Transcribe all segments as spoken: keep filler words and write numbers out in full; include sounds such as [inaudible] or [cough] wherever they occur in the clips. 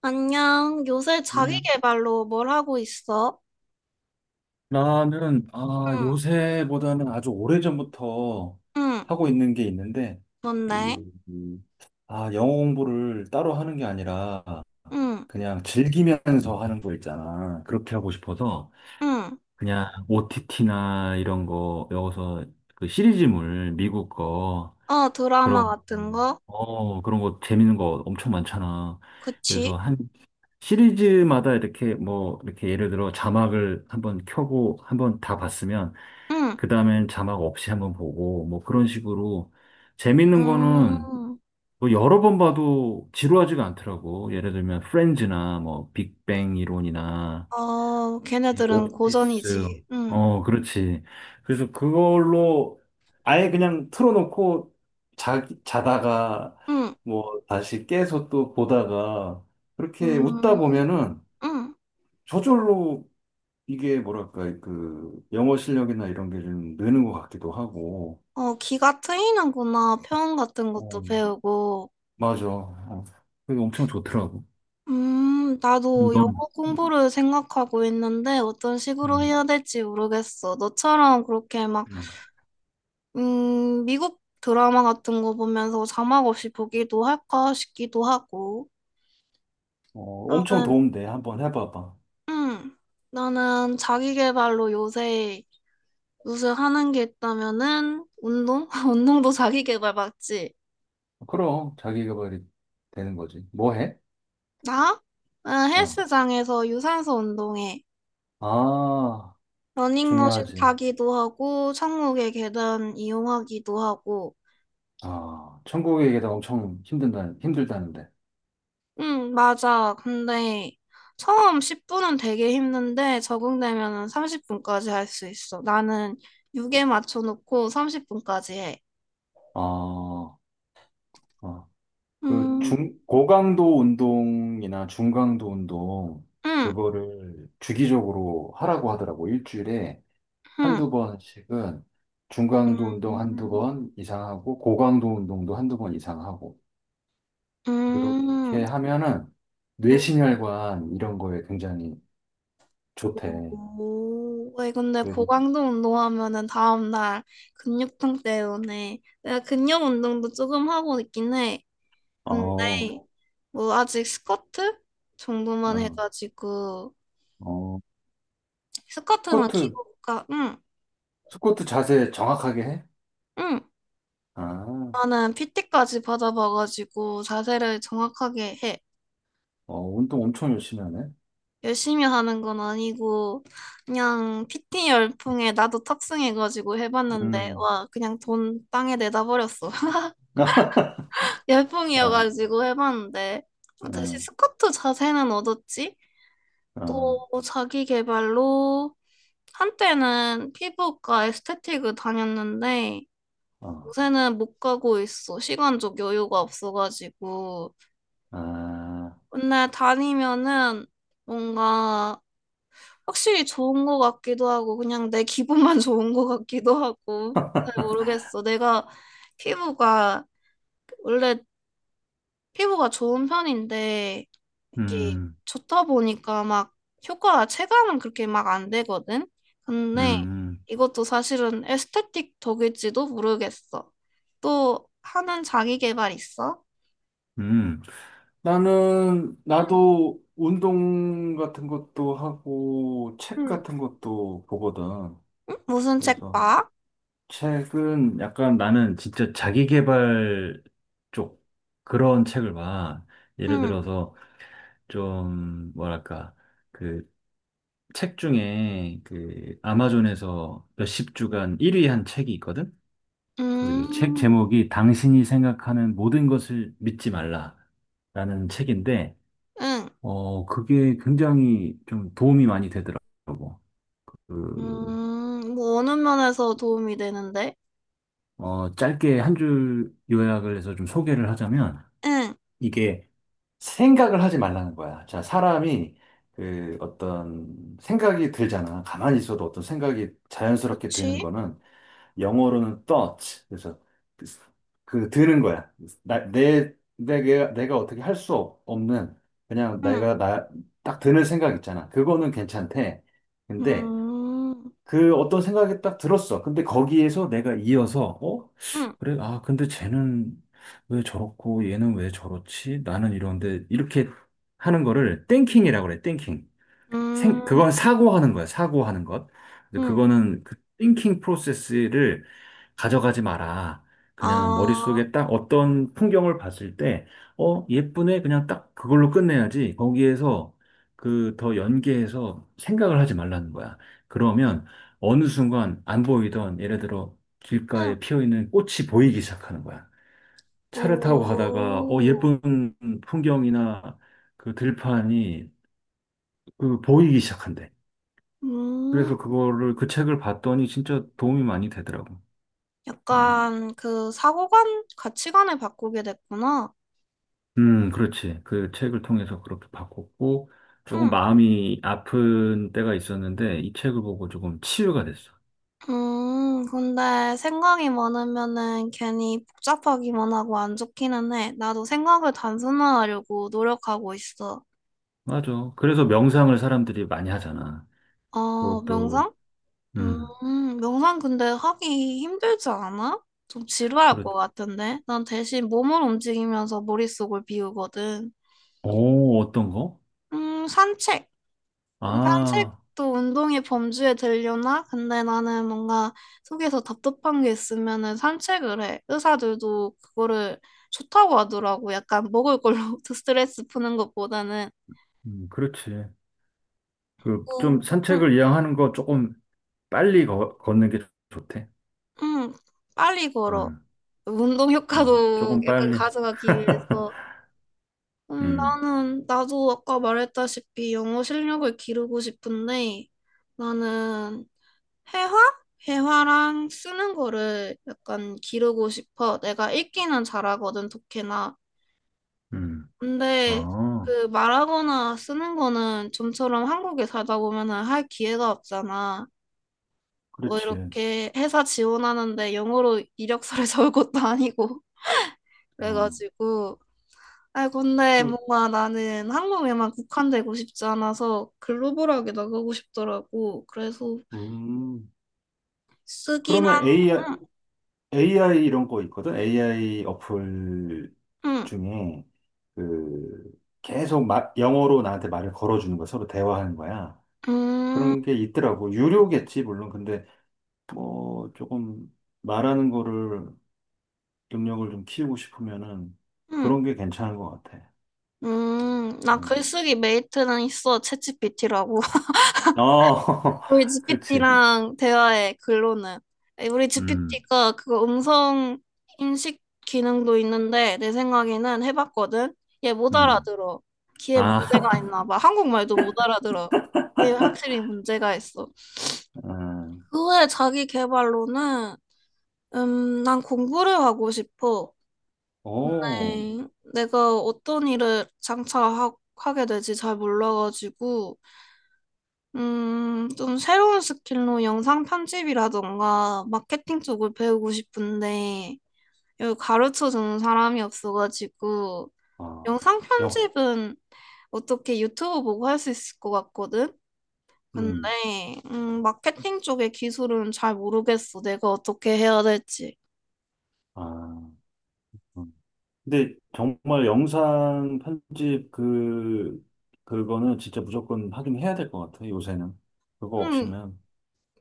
안녕. 요새 자기 그냥 개발로 뭘 하고 있어? 나는 아 응, 요새보다는 아주 오래전부터 응. 하고 있는 게 있는데 뭔데? 그, 음, 아 영어 공부를 따로 하는 게 아니라 응, 그냥 즐기면서 하는 거 있잖아. 그렇게 하고 싶어서 응. 그냥 오티티나 이런 거 여기서 그 시리즈물 미국 거 어, 그런 드라마 거, 같은 거? 어 그런 거 재밌는 거 엄청 많잖아. 그치? 그래서 시리즈마다 이렇게 뭐 이렇게 예를 들어 자막을 한번 켜고 한번 다 봤으면 응. 그 다음엔 자막 없이 한번 보고 뭐 그런 식으로 재밌는 거는 음, 뭐 여러 번 봐도 지루하지가 않더라고. 예를 들면 프렌즈나 뭐 빅뱅 이론이나 어, 이 걔네들은 오피스. 고전이지. 응, 어 그렇지. 그래서 그걸로 아예 그냥 틀어놓고 자 자다가 응, 뭐 다시 깨서 또 보다가 그렇게 웃다 음, 보면은 응. 저절로 이게 뭐랄까, 그, 영어 실력이나 이런 게 좀 느는 것 같기도 하고, 어, 귀가 트이는구나. 표현 같은 어, 것도 배우고. 맞아. 어, 그게 엄청 좋더라고. 음, 나도 영어 넌, 공부를 생각하고 있는데 어떤 식으로 음. 해야 될지 모르겠어. 너처럼 그렇게 막 음. 음, 미국 드라마 같은 거 보면서 자막 없이 보기도 할까 싶기도 하고. 어, 엄청 나는, 도움돼. 한번 해봐봐. 음, 나는 자기 개발로 요새 요새 하는 게 있다면은 운동? [laughs] 운동도 자기 개발 맞지? 그럼, 자기계발이 되는 거지. 뭐 해? 나? 응, 어. 헬스장에서 유산소 운동해. 아, 러닝머신 중요하지. 타기도 하고, 천국의 계단 이용하기도 하고, 아, 천국에계다 엄청 힘든다, 힘들다는데. 응, 맞아. 근데 처음 십 분은 되게 힘든데 적응되면은 삼십 분까지 할 수 있어. 나는 육에 맞춰놓고 삼십 분까지 해. 아, 어. 그 음, 중, 고강도 운동이나 중강도 운동, 응, 그거를 주기적으로 하라고 하더라고. 일주일에 응, 한두 번씩은 중강도 운동 한두 음. 번 이상 하고, 고강도 운동도 한두 번 이상 하고. 그렇게 음. 하면은 음. 뇌신혈관 이런 거에 굉장히 좋대. 오, 왜 근데 그래서, 고강도 운동하면은 다음날 근육통 때문에 내가 근력 운동도 조금 하고 있긴 해. 근데 어, 뭐 아직 스쿼트 정도만 어, 해가지고 어. 스쿼트만 스쿼트, 기구가 응. 스쿼트 자세 정확하게 해? 응, 아, 나는 피티까지 받아봐가지고 자세를 정확하게 해. 어, 운동 엄청 열심히 하네. 열심히 하는 건 아니고 그냥 피티 열풍에 나도 탑승해가지고 해봤는데, 음. 와 그냥 돈 땅에 내다버렸어. [laughs] [laughs] 아, 열풍이어가지고 해봤는데 다시 음. 스쿼트 자세는 얻었지. 어, 또 자기 개발로 한때는 피부과 에스테틱을 다녔는데 어, 요새는 못 가고 있어. 시간적 여유가 없어가지고. 아, 근데 다니면은 뭔가 확실히 좋은 것 같기도 하고 그냥 내 기분만 [laughs] 좋은 것 같기도 하고 잘 모르겠어. 내가 피부가 원래 피부가 좋은 편인데 이게 음, 좋다 보니까 막 효과 체감은 그렇게 막 안 되거든. 근데 음, 이것도 사실은 에스테틱 덕일지도 모르겠어. 또 하는 자기 개발 있어? 음, 나는, 응, 나도 운동 같은 것도 하고, 책 응. 같은 것도 보거든. 무슨 책 그래서, 봐? 책은 약간 나는 진짜 자기개발 쪽 그런 책을 봐. 예를 응. 들어서 좀 뭐랄까 그 책 중에 그 아마존에서 몇십 주간 일 위 한 책이 있거든. 우리 책 음. 제목이 당신이 생각하는 모든 것을 믿지 말라라는 책인데, 응. 어, 그게 굉장히 좀 도움이 많이 되더라고. 그, 음, 뭐 어느 면에서 도움이 되는데? 어, 짧게 한 줄 요약을 해서 좀 소개를 하자면, 응. 이게 생각을 하지 말라는 거야. 자, 사람이 그 어떤 생각이 들잖아. 가만히 있어도 어떤 생각이 자연스럽게 드는 그렇지? 거는 영어로는 touch. 그래서 그, 그 드는 거야. 나, 내, 내가, 내가 어떻게 할 수 없는 그냥 응. 내가 나, 딱 드는 생각 있잖아. 그거는 괜찮대. 근데 음, 그 어떤 생각이 딱 들었어. 근데 거기에서 내가 이어서 어? 응. 그래, 아, 근데 쟤는 왜 저렇고 얘는 왜 저렇지? 나는 이런데 이렇게 하는 거를 땡킹이라고 그래. 땡킹. 생, 음, 그건 사고하는 거야, 사고하는 것. 근데 응. 그거는 그 thinking process를 가져가지 마라. 그냥 아, 머릿속에 딱 어떤 풍경을 봤을 때, 어, 예쁘네. 그냥 딱 그걸로 끝내야지. 거기에서 그 더 연계해서 생각을 하지 말라는 거야. 그러면 어느 순간 안 보이던, 예를 들어 길가에 응. 피어 있는 꽃이 보이기 시작하는 거야. 차를 타고 가다가, 어, 오, 예쁜 풍경이나 그 들판이 그 보이기 시작한대. 음. 그래서 그거를 그 책을 봤더니 진짜 도움이 많이 되더라고. 음, 약간 그 사고관, 가치관을 바꾸게 됐구나. 음, 그렇지. 그 책을 통해서 그렇게 바꿨고 조금 응. 마음이 아픈 때가 있었는데 이 책을 보고 조금 치유가 됐어. 음, 근데 생각이 많으면은 괜히 복잡하기만 하고 안 좋기는 해. 나도 생각을 단순화하려고 노력하고 있어. 맞아. 그래서 명상을 사람들이 많이 하잖아. 어, 그것도 명상? 음, 음, 명상 근데 하기 힘들지 않아? 좀 지루할 그렇. 것 같은데? 난 대신 몸을 움직이면서 머릿속을 비우거든. 오, 어떤 거? 음, 산책. 아, 산책도 운동의 범주에 들려나? 근데 나는 뭔가 속에서 답답한 게 있으면은 산책을 해. 의사들도 그거를 좋다고 하더라고. 약간 먹을 걸로 [laughs] 스트레스 푸는 것보다는. 음, 그렇지. 그 좀 오. 응, 산책을 이왕하는 거 조금 빨리 거, 걷는 게 좋대. 응, 빨리 걸어. 음, 운동 어, 효과도 조금 약간 빨리. 가져가기 위해서. 음, 음, 나는, 나도 아까 말했다시피 영어 실력을 기르고 싶은데, 나는 회화? 회화랑 쓰는 거를 약간 기르고 싶어. 내가 읽기는 잘하거든, 독해나. 음, 근데 아. 그 말하거나 쓰는 거는 좀처럼 한국에 살다 보면은 할 기회가 없잖아. 뭐 그렇지. 이렇게 회사 지원하는데 영어로 이력서를 [laughs] 적을 것도 아니고. 어. 그래가지고. 아, 근데 그, 뭔가 나는 한국에만 국한되고 싶지 않아서 글로벌하게 나가고 싶더라고. 그래서 음. 쓰기랑, 그러면 AI, 응, AI 이런 거 있거든? 에이아이 어플 응, 중에, 그, 계속 마, 영어로 나한테 말을 걸어주는 거야. 서로 대화하는 거야. 응, 그런 게 있더라고. 유료겠지, 물론. 근데, 뭐, 조금 말하는 거를, 능력을 좀 키우고 싶으면은, 응, 그런 게 괜찮은 것 같아. 응. 나 어, 글쓰기 메이트는 있어, 챗지피티라고. [laughs] 어, 우리 [laughs] 그렇지. 지피티랑 대화해, 글로는. 아니, 우리 음, 지피티가 그거 음성 인식 기능도 있는데, 내 생각에는 해봤거든? 얘 못 음. 알아들어. 귀에 아, 문제가 있나 봐. 한국말도 못 알아들어. 얘 확실히 문제가 있어. [laughs] 음. 그 후에 자기 개발로는 음, 난 공부를 하고 싶어. 오. 네, 내가 어떤 일을 장차 하, 하게 될지 잘 몰라가지고 음, 좀 새로운 스킬로 영상 편집이라던가 마케팅 쪽을 배우고 싶은데 여기 가르쳐주는 사람이 없어가지고 아, 영상 역, 편집은 어떻게 유튜브 보고 할 수 있을 것 같거든? 근데 음, 음, 마케팅 쪽의 기술은 잘 모르겠어. 내가 어떻게 해야 될지. 아, 음. 근데 정말 영상 편집 그, 그거는 진짜 무조건 하긴 해야 될 것 같아, 요새는. 그거 음, 없이는,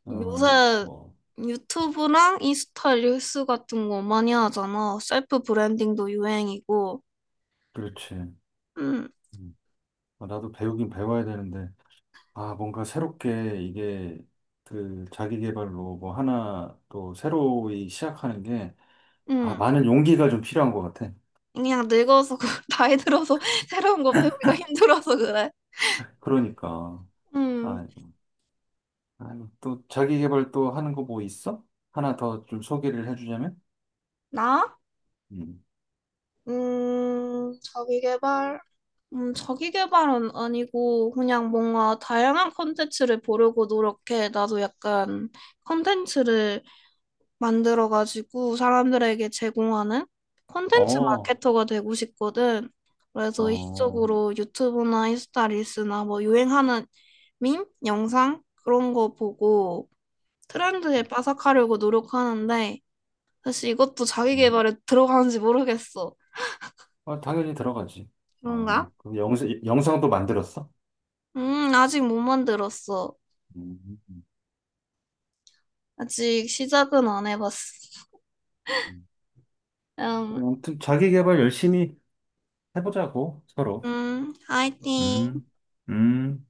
어, 요새 뭐, 유튜브랑 인스타 릴스 같은 거 많이 하잖아. 셀프 브랜딩도 유행이고. 그렇지. 응, 음. 아, 나도 배우긴 배워야 되는데, 아, 뭔가 새롭게 이게 그 자기 개발로 뭐 하나 또 새로이 시작하는 게, 아, 응. 많은 용기가 좀 필요한 것 같아. 그냥 늙어서, 그- [laughs] 나이 들어서 [laughs] 새로운 거 배우기가 힘들어서 그래. 그러니까. 음, 아, 아유, 또 자기 개발 또 하는 거 뭐 있어? 하나 더 좀 소개를 해주자면? 나? 음. 음, 자기계발? 음, 자기계발은 아니고, 그냥 뭔가 다양한 콘텐츠를 보려고 노력해. 나도 약간 콘텐츠를 만들어가지고 사람들에게 제공하는 콘텐츠 어, 마케터가 되고 싶거든. 그래서 어, 이쪽으로 유튜브나 인스타 릴스나 뭐 유행하는 밈, 영상 그런 거 보고 트렌드에 빠삭하려고 노력하는데 사실 이것도 자기 음. 개발에 들어가는지 모르겠어. 아, 당연히 들어가지. 아, 그런가? 그럼 영상, 영상도 만들었어? 음, 아직 못 만들었어. 음, 음, 아직 시작은 안 해봤어. 음. 음, 그럼 아무튼 자기 개발 열심히 해보자고, 서로. 음, 화이팅. 음, 음.